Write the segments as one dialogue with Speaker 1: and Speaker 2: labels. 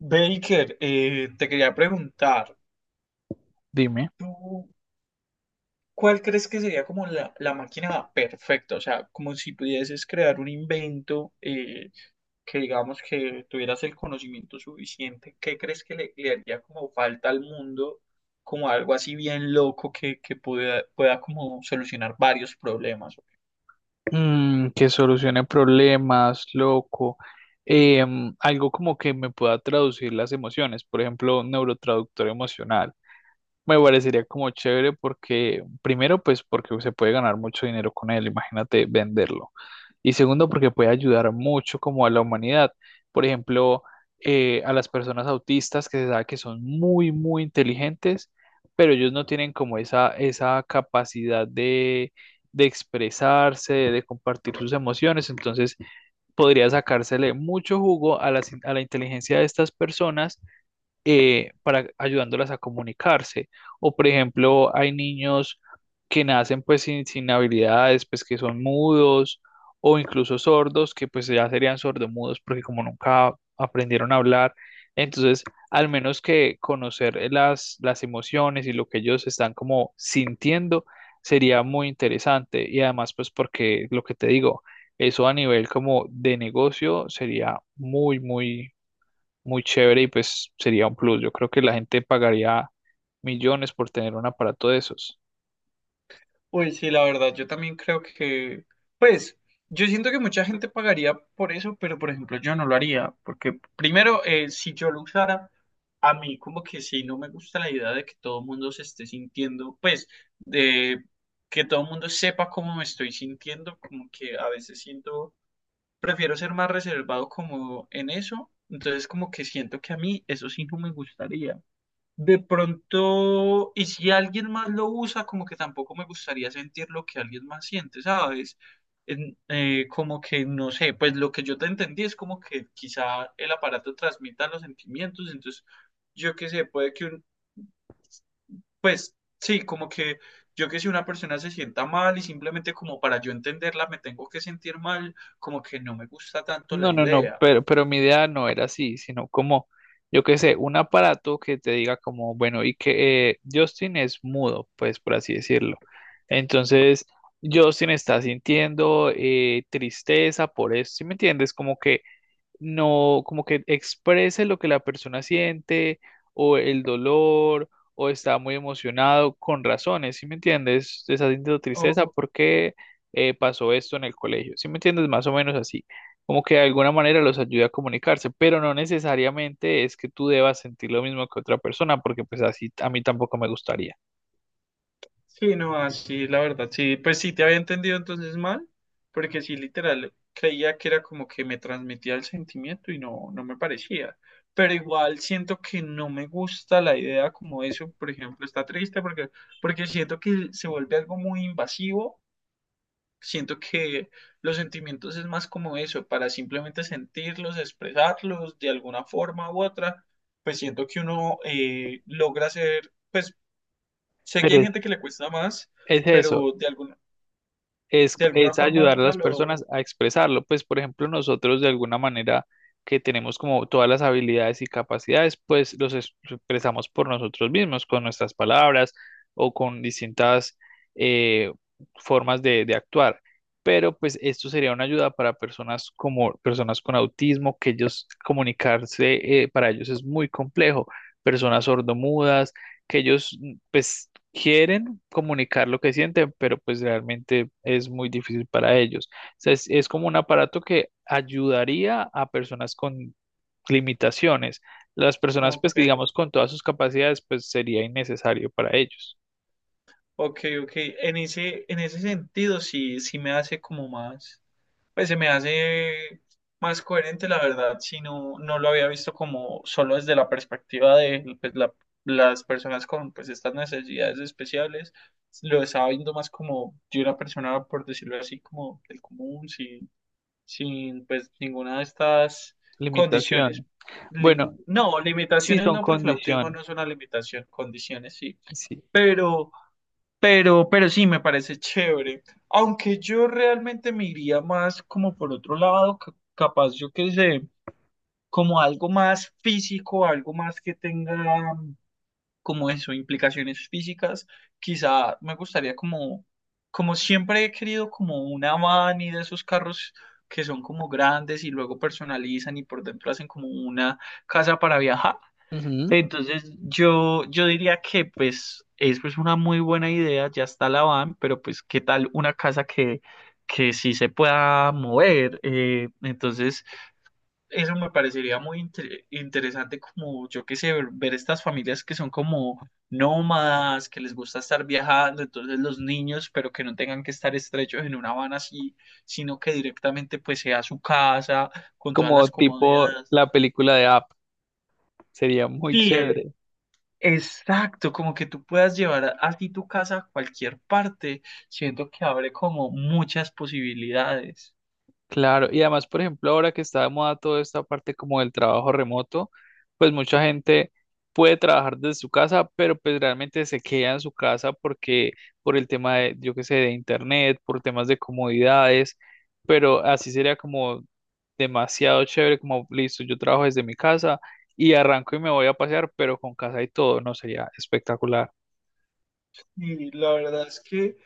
Speaker 1: Baker, te quería preguntar,
Speaker 2: Dime.
Speaker 1: ¿tú cuál crees que sería como la máquina perfecta? O sea, como si pudieses crear un invento que digamos que tuvieras el conocimiento suficiente, ¿qué crees que le haría como falta al mundo, como algo así bien loco que pueda, pueda como solucionar varios problemas?
Speaker 2: Que solucione problemas, loco. Algo como que me pueda traducir las emociones, por ejemplo, un neurotraductor emocional. Me parecería como chévere porque, primero, pues porque se puede ganar mucho dinero con él, imagínate venderlo. Y segundo, porque puede ayudar mucho como a la humanidad. Por ejemplo, a las personas autistas que se sabe que son muy, muy inteligentes, pero ellos no tienen como esa capacidad de expresarse, de compartir sus emociones. Entonces, podría sacársele mucho jugo a la inteligencia de estas personas para ayudándolas a comunicarse. O por ejemplo, hay niños que nacen pues sin habilidades, pues que son mudos o incluso sordos, que pues ya serían sordomudos porque como nunca aprendieron a hablar, entonces al menos que conocer las emociones y lo que ellos están como sintiendo sería muy interesante y además pues porque lo que te digo, eso a nivel como de negocio sería muy, muy chévere y pues sería un plus. Yo creo que la gente pagaría millones por tener un aparato de esos.
Speaker 1: Pues sí, la verdad, yo también creo que, pues, yo siento que mucha gente pagaría por eso, pero por ejemplo yo no lo haría, porque primero, si yo lo usara, a mí como que sí, no me gusta la idea de que todo el mundo se esté sintiendo, pues, de que todo el mundo sepa cómo me estoy sintiendo, como que a veces siento, prefiero ser más reservado como en eso, entonces como que siento que a mí eso sí no me gustaría. De pronto, y si alguien más lo usa, como que tampoco me gustaría sentir lo que alguien más siente, ¿sabes? Como que, no sé, pues lo que yo te entendí es como que quizá el aparato transmita los sentimientos, entonces, yo qué sé, puede que un, pues sí, como que yo que sé, una persona se sienta mal y simplemente como para yo entenderla me tengo que sentir mal, como que no me gusta tanto
Speaker 2: No,
Speaker 1: la
Speaker 2: no, no,
Speaker 1: idea.
Speaker 2: pero mi idea no era así, sino como, yo qué sé, un aparato que te diga como, bueno, y que Justin es mudo, pues por así decirlo. Entonces, Justin está sintiendo tristeza por eso, ¿sí me entiendes? Como que no como que exprese lo que la persona siente o el dolor o está muy emocionado con razones, ¿sí me entiendes? Está sintiendo
Speaker 1: O,
Speaker 2: tristeza porque pasó esto en el colegio, ¿sí me entiendes? Más o menos así, como que de alguna manera los ayuda a comunicarse, pero no necesariamente es que tú debas sentir lo mismo que otra persona porque pues así a mí tampoco me gustaría.
Speaker 1: sí, no, así, la verdad, sí, pues sí, te había entendido entonces mal, porque sí, literal, creía que era como que me transmitía el sentimiento y no, no me parecía, pero igual siento que no me gusta la idea como eso, por ejemplo, está triste porque, porque siento que se vuelve algo muy invasivo, siento que los sentimientos es más como eso, para simplemente sentirlos, expresarlos de alguna forma u otra, pues siento que uno logra ser... pues sé que
Speaker 2: Pero
Speaker 1: hay
Speaker 2: es,
Speaker 1: gente que le cuesta más,
Speaker 2: es eso,
Speaker 1: pero de alguna
Speaker 2: es
Speaker 1: forma u
Speaker 2: ayudar a
Speaker 1: otra
Speaker 2: las
Speaker 1: lo...
Speaker 2: personas a expresarlo. Pues, por ejemplo, nosotros de alguna manera que tenemos como todas las habilidades y capacidades, pues los es- expresamos por nosotros mismos, con nuestras palabras o con distintas eh, formas de actuar. Pero pues esto sería una ayuda para personas como personas con autismo, que ellos comunicarse para ellos es muy complejo, personas sordomudas, que ellos pues quieren comunicar lo que sienten, pero pues realmente es muy difícil para ellos. O sea, es como un aparato que ayudaría a personas con limitaciones. Las personas, pues que
Speaker 1: Ok,
Speaker 2: digamos con todas sus capacidades, pues sería innecesario para ellos.
Speaker 1: ok, ok. En ese sentido sí, sí me hace como más... Pues se me hace más coherente, la verdad, si no, no lo había visto como solo desde la perspectiva de pues, la- las personas con pues estas necesidades especiales. Lo estaba viendo más como de una persona, por decirlo así, como del común, sí sin pues ninguna de estas condiciones.
Speaker 2: Limitación.
Speaker 1: Li-
Speaker 2: Bueno,
Speaker 1: no,
Speaker 2: sí
Speaker 1: limitaciones
Speaker 2: son
Speaker 1: no, porque el autismo
Speaker 2: condiciones.
Speaker 1: no es una limitación, condiciones sí,
Speaker 2: Sí.
Speaker 1: pero, pero sí me parece chévere. Aunque yo realmente me iría más como por otro lado, ca- capaz yo que sé, como algo más físico, algo más que tenga como eso, implicaciones físicas, quizá me gustaría como, como siempre he querido como una van y de esos carros que son como grandes y luego personalizan y por dentro hacen como una casa para viajar.
Speaker 2: Ujú.
Speaker 1: Entonces yo diría que pues es pues una muy buena idea, ya está la van, pero pues qué tal una casa que sí se pueda mover. Entonces... Eso me parecería muy interesante como, yo qué sé, ver, ver estas familias que son como nómadas, que les gusta estar viajando, entonces los niños, pero que no tengan que estar estrechos en una van así, sino que directamente pues sea su casa, con todas
Speaker 2: Como
Speaker 1: las
Speaker 2: tipo
Speaker 1: comodidades.
Speaker 2: la película de App. Sería muy
Speaker 1: Sí,
Speaker 2: chévere.
Speaker 1: exacto, como que tú puedas así tu casa a cualquier parte, siento que abre como muchas posibilidades.
Speaker 2: Claro, y además, por ejemplo, ahora que está de moda toda esta parte como del trabajo remoto, pues mucha gente puede trabajar desde su casa, pero pues realmente se queda en su casa porque por el tema de, yo qué sé, de internet, por temas de comodidades, pero así sería como demasiado chévere, como listo, yo trabajo desde mi casa y arranco y me voy a pasear, pero con casa y todo, no sería espectacular.
Speaker 1: Y la verdad es que...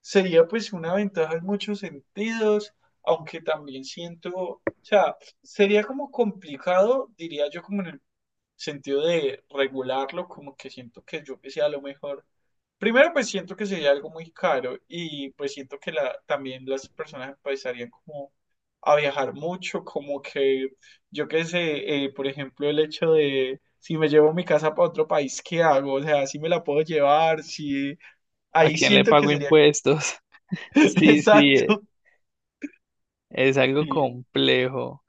Speaker 1: sería pues una ventaja en muchos sentidos, aunque también siento, o sea, sería como complicado, diría yo, como en el sentido de regularlo, como que siento que yo que sea lo mejor. Primero, pues siento que sería algo muy caro y pues siento que la, también las personas empezarían como a viajar mucho, como que yo qué sé, por ejemplo, el hecho de si me llevo mi casa para otro país, ¿qué hago? O sea, si me la puedo llevar, si
Speaker 2: ¿A
Speaker 1: ahí
Speaker 2: quién le
Speaker 1: siento que
Speaker 2: pago
Speaker 1: sería
Speaker 2: impuestos? Sí, sí,
Speaker 1: exacto.
Speaker 2: es algo
Speaker 1: Sí.
Speaker 2: complejo.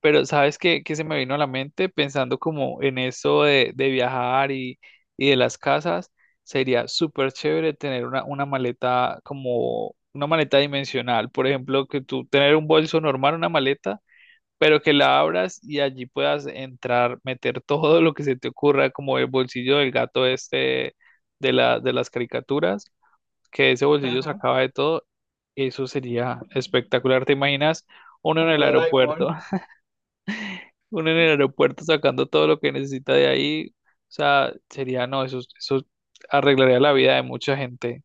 Speaker 2: Pero ¿sabes qué, qué se me vino a la mente pensando como en eso de viajar y de las casas? Sería súper chévere tener una maleta como una maleta dimensional. Por ejemplo, que tú tener un bolso normal, una maleta, pero que la abras y allí puedas entrar, meter todo lo que se te ocurra, como el bolsillo del gato este de de las caricaturas, que ese bolsillo
Speaker 1: Ajá.
Speaker 2: sacaba de todo. Eso sería espectacular. ¿Te imaginas uno en
Speaker 1: Como
Speaker 2: el aeropuerto?
Speaker 1: Doraemon.
Speaker 2: Uno en el aeropuerto sacando todo lo que necesita de ahí, o sea, sería, no, eso arreglaría la vida de mucha gente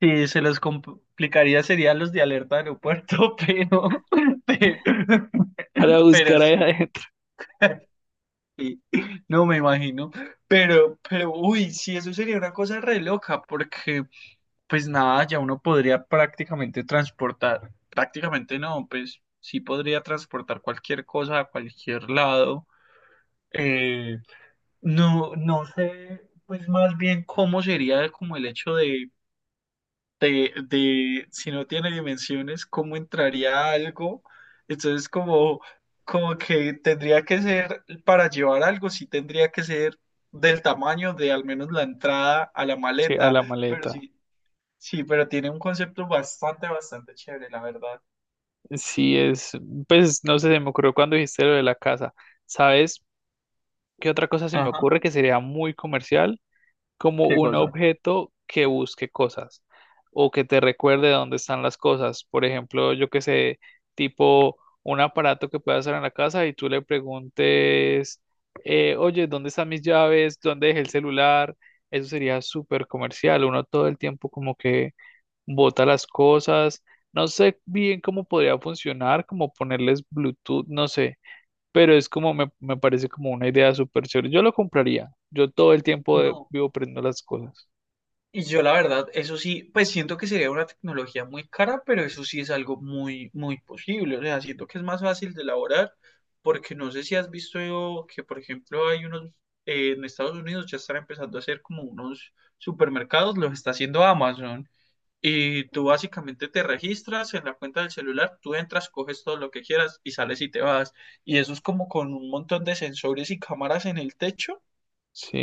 Speaker 1: Sí, se los complicaría serían los de alerta de aeropuerto, pero,
Speaker 2: para
Speaker 1: pero
Speaker 2: buscar ahí
Speaker 1: sí.
Speaker 2: adentro,
Speaker 1: Sí, no me imagino, pero, uy, sí, eso sería una cosa re loca, porque, pues nada, ya uno podría prácticamente transportar, prácticamente no, pues sí podría transportar cualquier cosa a cualquier lado. Eh, no, no sé, pues más bien cómo sería como el hecho de si no tiene dimensiones, ¿cómo entraría algo? Entonces, como, como que tendría que ser, para llevar algo, sí tendría que ser del tamaño de al menos la entrada a la
Speaker 2: sí, a
Speaker 1: maleta,
Speaker 2: la
Speaker 1: pero
Speaker 2: maleta.
Speaker 1: sí, sí, pero tiene un concepto bastante, bastante chévere, la verdad.
Speaker 2: Sí, es, pues, no sé, se me ocurrió cuando dijiste lo de la casa. ¿Sabes qué otra cosa se me
Speaker 1: Ajá,
Speaker 2: ocurre que sería muy comercial? Como
Speaker 1: ¿qué
Speaker 2: un
Speaker 1: cosa?
Speaker 2: objeto que busque cosas o que te recuerde dónde están las cosas. Por ejemplo, yo que sé, tipo un aparato que puedas hacer en la casa y tú le preguntes, oye, ¿dónde están mis llaves? ¿Dónde dejé el celular? Eso sería súper comercial. Uno todo el tiempo como que bota las cosas. No sé bien cómo podría funcionar, como ponerles Bluetooth, no sé pero es como me parece como una idea súper chévere. Yo lo compraría. Yo todo el tiempo de-
Speaker 1: No.
Speaker 2: vivo prendiendo las cosas.
Speaker 1: Y yo la verdad, eso sí, pues siento que sería una tecnología muy cara, pero eso sí es algo muy, muy posible. O sea, siento que es más fácil de elaborar, porque no sé si has visto que, por ejemplo, hay unos, en Estados Unidos ya están empezando a hacer como unos supermercados, los está haciendo Amazon. Y tú básicamente te registras en la cuenta del celular, tú entras, coges todo lo que quieras y sales y te vas. Y eso es como con un montón de sensores y cámaras en el techo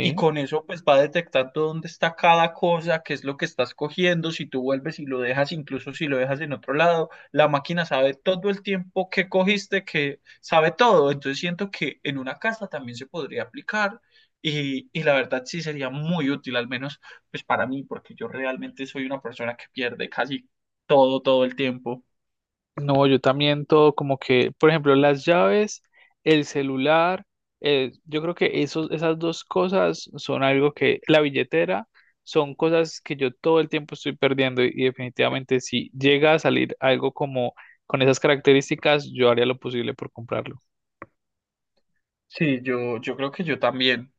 Speaker 1: y con eso pues va detectando dónde está cada cosa, qué es lo que estás cogiendo, si tú vuelves y lo dejas, incluso si lo dejas en otro lado, la máquina sabe todo el tiempo que cogiste, que sabe todo. Entonces siento que en una casa también se podría aplicar y la verdad sí sería muy útil, al menos pues para mí, porque yo realmente soy una persona que pierde casi todo, todo el tiempo.
Speaker 2: No, yo también todo como que, por ejemplo, las llaves, el celular, yo creo que esas dos cosas son algo que, la billetera, son cosas que yo todo el tiempo estoy perdiendo y definitivamente si llega a salir algo como con esas características, yo haría lo posible por comprarlo.
Speaker 1: Sí, yo creo que yo también.